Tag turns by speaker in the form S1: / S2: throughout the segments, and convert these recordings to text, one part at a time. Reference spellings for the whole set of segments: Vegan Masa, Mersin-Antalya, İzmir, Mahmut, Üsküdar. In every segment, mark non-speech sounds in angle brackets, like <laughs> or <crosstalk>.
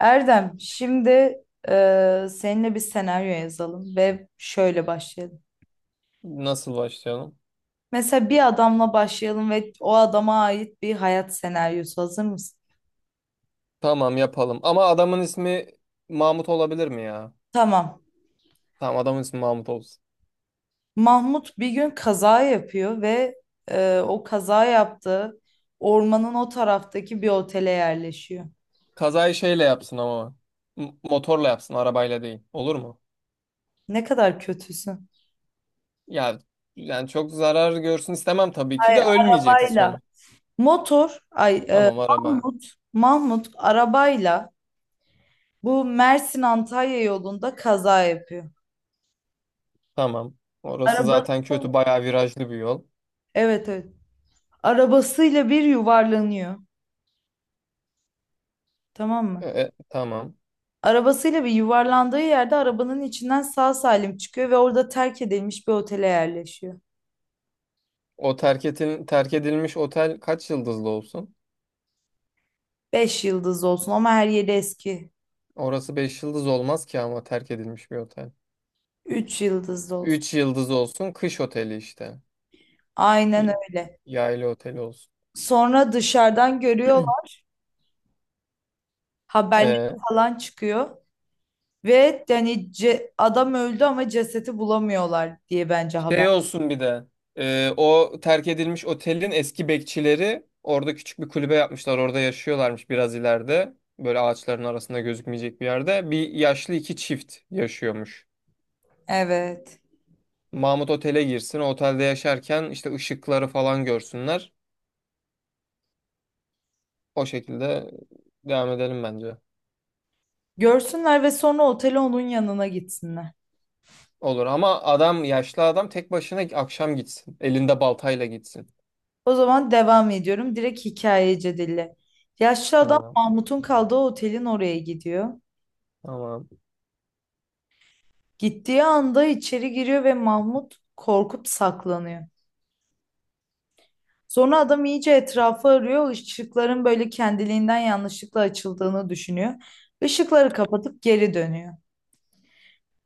S1: Erdem, şimdi seninle bir senaryo yazalım ve şöyle başlayalım.
S2: Nasıl başlayalım?
S1: Mesela bir adamla başlayalım ve o adama ait bir hayat senaryosu. Hazır mısın?
S2: Tamam yapalım. Ama adamın ismi Mahmut olabilir mi ya?
S1: Tamam.
S2: Tamam adamın ismi Mahmut olsun.
S1: Mahmut bir gün kaza yapıyor ve o kaza yaptığı ormanın o taraftaki bir otele yerleşiyor.
S2: Kazayı şeyle yapsın ama. Motorla yapsın, arabayla değil. Olur mu?
S1: Ne kadar kötüsün.
S2: Ya yani çok zarar görsün istemem, tabii
S1: Ay,
S2: ki de ölmeyeceksin
S1: arabayla.
S2: sonu.
S1: Motor, ay e,
S2: Tamam araba.
S1: Mahmut, Mahmut arabayla bu Mersin-Antalya yolunda kaza yapıyor.
S2: Tamam. Orası
S1: Arabası
S2: zaten kötü, bayağı virajlı bir yol.
S1: evet, evet. Arabasıyla bir yuvarlanıyor. Tamam mı?
S2: Tamam.
S1: Arabasıyla bir yuvarlandığı yerde arabanın içinden sağ salim çıkıyor ve orada terk edilmiş bir otele yerleşiyor.
S2: O terk edilmiş otel kaç yıldızlı olsun?
S1: Beş yıldızlı olsun ama her yeri eski.
S2: Orası 5 yıldız olmaz ki ama, terk edilmiş bir otel.
S1: Üç yıldızlı olsun.
S2: 3 yıldız olsun, kış oteli işte.
S1: Aynen
S2: Y-
S1: öyle.
S2: Yaylı otel olsun.
S1: Sonra dışarıdan görüyorlar. Haberler
S2: Ee,
S1: falan çıkıyor. Ve yani adam öldü ama cesedi bulamıyorlar diye bence haber.
S2: Şey olsun bir de. O terk edilmiş otelin eski bekçileri orada küçük bir kulübe yapmışlar. Orada yaşıyorlarmış biraz ileride. Böyle ağaçların arasında gözükmeyecek bir yerde. Bir yaşlı iki çift yaşıyormuş.
S1: Evet.
S2: Mahmut otele girsin. O otelde yaşarken işte ışıkları falan görsünler. O şekilde devam edelim bence.
S1: Görsünler ve sonra otele onun yanına gitsinler.
S2: Olur ama adam, yaşlı adam tek başına akşam gitsin. Elinde baltayla gitsin.
S1: O zaman devam ediyorum. Direkt hikayece dille. Yaşlı adam
S2: Tamam.
S1: Mahmut'un kaldığı otelin oraya gidiyor.
S2: Tamam.
S1: Gittiği anda içeri giriyor ve Mahmut korkup saklanıyor. Sonra adam iyice etrafı arıyor. Işıkların böyle kendiliğinden yanlışlıkla açıldığını düşünüyor. Işıkları kapatıp geri dönüyor.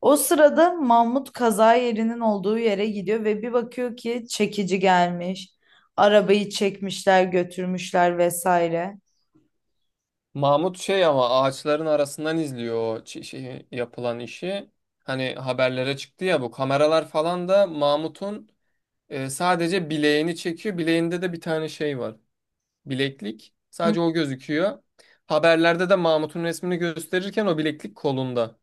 S1: O sırada Mahmut kaza yerinin olduğu yere gidiyor ve bir bakıyor ki çekici gelmiş. Arabayı çekmişler, götürmüşler vesaire.
S2: Mahmut şey ama, ağaçların arasından izliyor o şey, yapılan işi. Hani haberlere çıktı ya bu kameralar falan da, Mahmut'un sadece bileğini çekiyor. Bileğinde de bir tane şey var. Bileklik.
S1: Hı.
S2: Sadece o gözüküyor. Haberlerde de Mahmut'un resmini gösterirken o bileklik kolunda.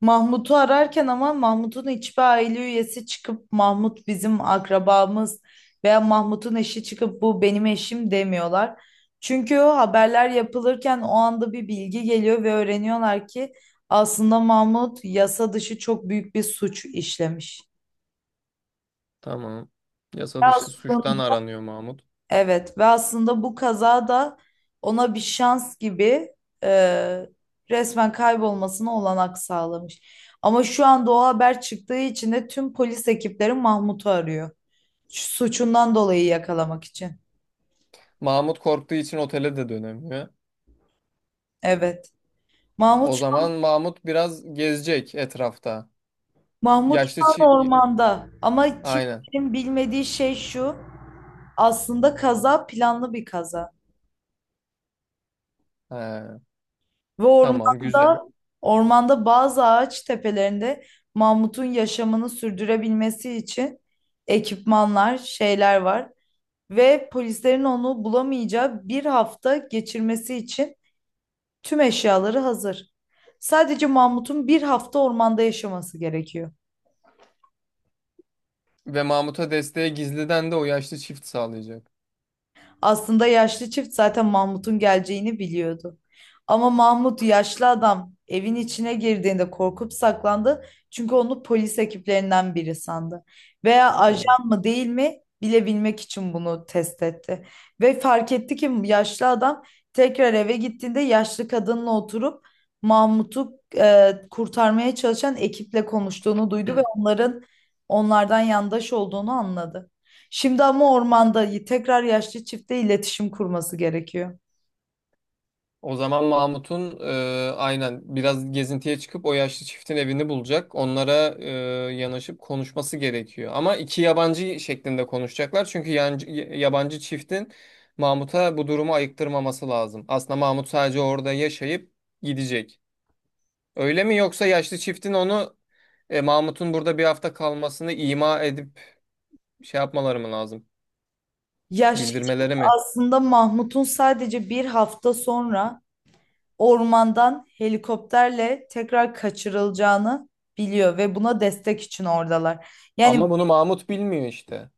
S1: Mahmut'u ararken ama Mahmut'un hiçbir aile üyesi çıkıp Mahmut bizim akrabamız veya Mahmut'un eşi çıkıp bu benim eşim demiyorlar. Çünkü o haberler yapılırken o anda bir bilgi geliyor ve öğreniyorlar ki aslında Mahmut yasa dışı çok büyük bir suç işlemiş.
S2: Tamam. Yasa dışı suçtan
S1: Aslında
S2: aranıyor Mahmut.
S1: Evet ve aslında bu kaza da ona bir şans gibi e, resmen kaybolmasına olanak sağlamış. Ama şu anda o haber çıktığı için de tüm polis ekipleri Mahmut'u arıyor. Şu suçundan dolayı yakalamak için.
S2: Mahmut korktuğu için otele de dönemiyor.
S1: Evet. Mahmut
S2: O
S1: şu
S2: zaman
S1: an,
S2: Mahmut biraz gezecek etrafta.
S1: Mahmut şu
S2: Yaşlı
S1: an
S2: çi...
S1: ormanda ama
S2: Aynen.
S1: kimsenin bilmediği şey şu. Aslında kaza planlı bir kaza.
S2: He,
S1: Ve
S2: tamam güzel.
S1: ormanda bazı ağaç tepelerinde Mamut'un yaşamını sürdürebilmesi için ekipmanlar, şeyler var. Ve polislerin onu bulamayacağı bir hafta geçirmesi için tüm eşyaları hazır. Sadece Mamut'un bir hafta ormanda yaşaması gerekiyor.
S2: Ve Mahmut'a desteğe gizliden de o yaşlı çift sağlayacak.
S1: Aslında yaşlı çift zaten Mahmut'un geleceğini biliyordu. Ama Mahmut yaşlı adam evin içine girdiğinde korkup saklandı. Çünkü onu polis ekiplerinden biri sandı. Veya
S2: Evet.
S1: ajan mı değil mi bilebilmek için bunu test etti. Ve fark etti ki yaşlı adam tekrar eve gittiğinde yaşlı kadınla oturup Mahmut'u kurtarmaya çalışan ekiple konuştuğunu duydu ve onlardan yandaş olduğunu anladı. Şimdi ama ormanda tekrar yaşlı çifte iletişim kurması gerekiyor.
S2: O zaman Mahmut'un aynen biraz gezintiye çıkıp o yaşlı çiftin evini bulacak. Onlara yanaşıp konuşması gerekiyor. Ama iki yabancı şeklinde konuşacaklar. Çünkü yabancı çiftin Mahmut'a bu durumu ayıktırmaması lazım. Aslında Mahmut sadece orada yaşayıp gidecek. Öyle mi, yoksa yaşlı çiftin onu, Mahmut'un burada bir hafta kalmasını ima edip şey yapmaları mı lazım?
S1: Yaşlı çift
S2: Bildirmeleri mi?
S1: aslında Mahmut'un sadece bir hafta sonra ormandan helikopterle tekrar kaçırılacağını biliyor ve buna destek için oradalar. Yani
S2: Ama bunu Mahmut bilmiyor işte.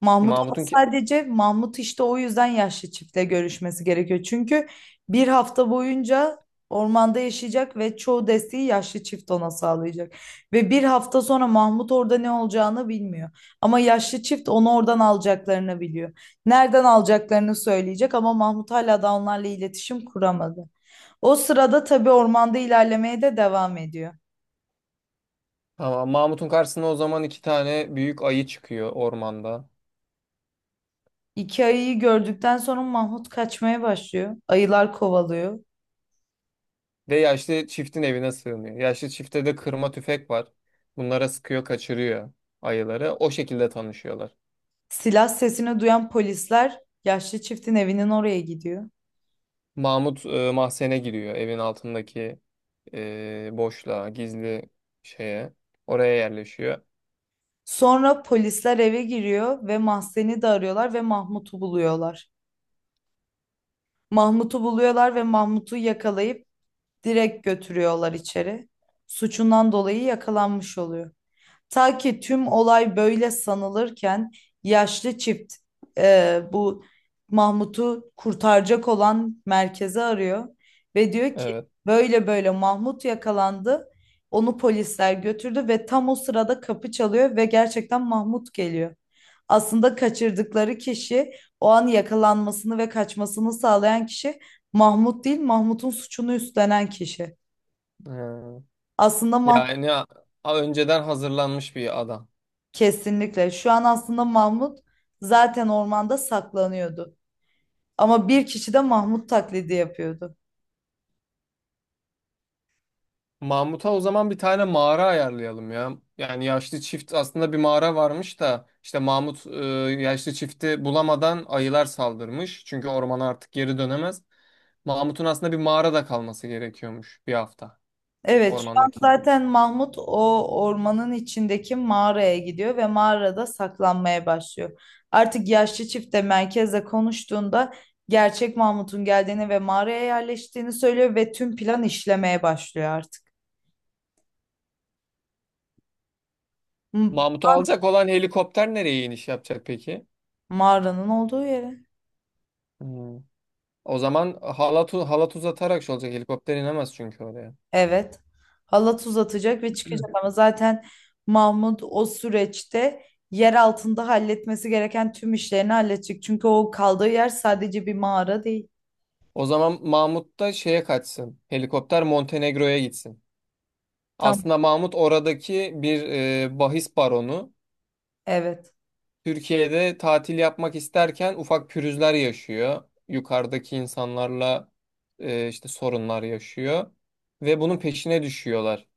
S1: Mahmut ama
S2: Mahmut'un ki
S1: sadece Mahmut işte o yüzden yaşlı çiftle görüşmesi gerekiyor. Çünkü bir hafta boyunca ormanda yaşayacak ve çoğu desteği yaşlı çift ona sağlayacak. Ve bir hafta sonra Mahmut orada ne olacağını bilmiyor. Ama yaşlı çift onu oradan alacaklarını biliyor. Nereden alacaklarını söyleyecek ama Mahmut hala da onlarla iletişim kuramadı. O sırada tabii ormanda ilerlemeye de devam ediyor.
S2: tamam, Mahmut'un karşısına o zaman iki tane büyük ayı çıkıyor ormanda.
S1: İki ayıyı gördükten sonra Mahmut kaçmaya başlıyor. Ayılar kovalıyor.
S2: Ve yaşlı çiftin evine sığınıyor. Yaşlı çifte de kırma tüfek var. Bunlara sıkıyor, kaçırıyor ayıları. O şekilde tanışıyorlar.
S1: Silah sesini duyan polisler yaşlı çiftin evinin oraya gidiyor.
S2: Mahmut mahzene giriyor. Evin altındaki boşluğa, gizli şeye. Oraya yerleşiyor.
S1: Sonra polisler eve giriyor ve Mahzen'i de arıyorlar ve Mahmut'u buluyorlar. Mahmut'u buluyorlar ve Mahmut'u yakalayıp direkt götürüyorlar içeri. Suçundan dolayı yakalanmış oluyor. Ta ki tüm olay böyle sanılırken yaşlı çift bu Mahmut'u kurtaracak olan merkezi arıyor ve diyor ki
S2: Evet.
S1: böyle böyle Mahmut yakalandı. Onu polisler götürdü ve tam o sırada kapı çalıyor ve gerçekten Mahmut geliyor. Aslında kaçırdıkları kişi o an yakalanmasını ve kaçmasını sağlayan kişi Mahmut değil, Mahmut'un suçunu üstlenen kişi.
S2: Hmm.
S1: Aslında Mahmut
S2: Yani önceden hazırlanmış bir adam.
S1: Kesinlikle. Şu an aslında Mahmut zaten ormanda saklanıyordu. Ama bir kişi de Mahmut taklidi yapıyordu.
S2: Mahmut'a o zaman bir tane mağara ayarlayalım ya. Yani yaşlı çift aslında bir mağara varmış da, işte Mahmut yaşlı çifti bulamadan ayılar saldırmış. Çünkü ormana artık geri dönemez. Mahmut'un aslında bir mağarada kalması gerekiyormuş bir hafta,
S1: Evet, şu an
S2: ormandaki.
S1: zaten Mahmut o ormanın içindeki mağaraya gidiyor ve mağarada saklanmaya başlıyor. Artık yaşlı çift de merkezle konuştuğunda gerçek Mahmut'un geldiğini ve mağaraya yerleştiğini söylüyor ve tüm plan işlemeye başlıyor artık. M-
S2: Mahmut'u alacak olan helikopter nereye iniş yapacak peki?
S1: Mağaranın olduğu yere.
S2: Hmm. O zaman halat uzatarak şey olacak. Helikopter inemez çünkü oraya.
S1: Evet. Halat uzatacak ve çıkacak ama zaten Mahmut o süreçte yer altında halletmesi gereken tüm işlerini halledecek. Çünkü o kaldığı yer sadece bir mağara değil.
S2: O zaman Mahmut da şeye kaçsın. Helikopter Montenegro'ya gitsin.
S1: Tam
S2: Aslında Mahmut oradaki bir bahis baronu.
S1: evet.
S2: Türkiye'de tatil yapmak isterken ufak pürüzler yaşıyor. Yukarıdaki insanlarla işte sorunlar yaşıyor. Ve bunun peşine düşüyorlar.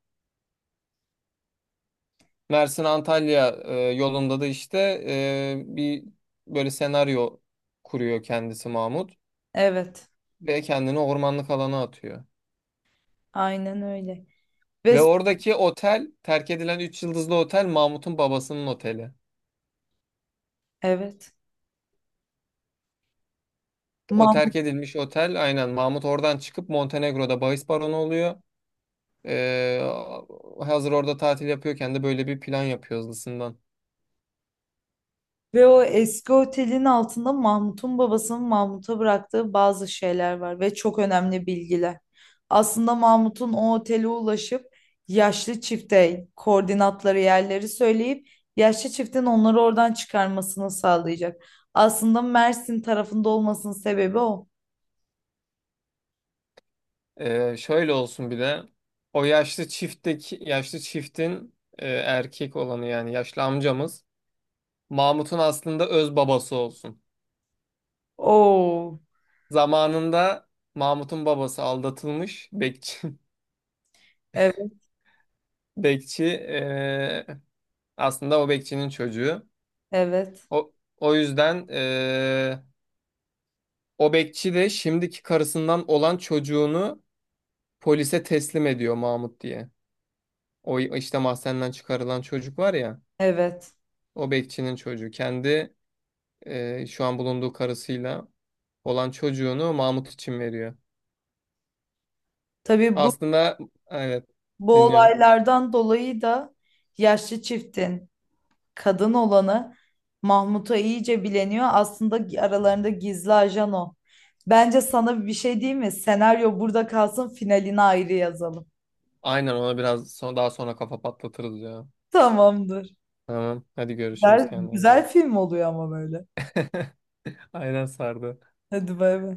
S2: Mersin-Antalya yolunda da işte bir böyle senaryo kuruyor kendisi Mahmut.
S1: Evet.
S2: Ve kendini ormanlık alana atıyor.
S1: Aynen öyle. Ve
S2: Ve oradaki otel, terk edilen 3 yıldızlı otel, Mahmut'un babasının oteli.
S1: evet.
S2: O terk edilmiş otel, aynen, Mahmut oradan çıkıp Montenegro'da bahis baronu oluyor. Ee, Hazır orada tatil yapıyorken de böyle bir plan yapıyor hızlısından.
S1: Ve o eski otelin altında Mahmut'un babasının Mahmut'a bıraktığı bazı şeyler var ve çok önemli bilgiler. Aslında Mahmut'un o otele ulaşıp yaşlı çifte koordinatları yerleri söyleyip yaşlı çiftin onları oradan çıkarmasını sağlayacak. Aslında Mersin tarafında olmasının sebebi o.
S2: Şöyle olsun bir de, o yaşlı çiftteki yaşlı çiftin erkek olanı, yani yaşlı amcamız, Mahmut'un aslında öz babası olsun.
S1: Oo,
S2: Zamanında Mahmut'un babası aldatılmış, bekçi <laughs>
S1: evet,
S2: bekçi e, aslında o bekçinin çocuğu.
S1: evet,
S2: O, O yüzden o bekçi de şimdiki karısından olan çocuğunu polise teslim ediyor Mahmut diye. O işte mahzenden çıkarılan çocuk var ya.
S1: evet.
S2: O bekçinin çocuğu. Kendi şu an bulunduğu karısıyla olan çocuğunu Mahmut için veriyor.
S1: Tabii bu
S2: Aslında evet,
S1: bu
S2: dinliyorum.
S1: olaylardan dolayı da yaşlı çiftin kadın olanı Mahmut'a iyice bileniyor. Aslında aralarında gizli ajan o. Bence sana bir şey diyeyim mi? Senaryo burada kalsın, finalini ayrı yazalım.
S2: Aynen, ona biraz daha sonra kafa patlatırız ya.
S1: Tamamdır.
S2: Tamam hadi görüşürüz,
S1: Güzel,
S2: kendine iyi bak.
S1: güzel film oluyor ama böyle.
S2: Aynen, sardı.
S1: Hadi bay bay.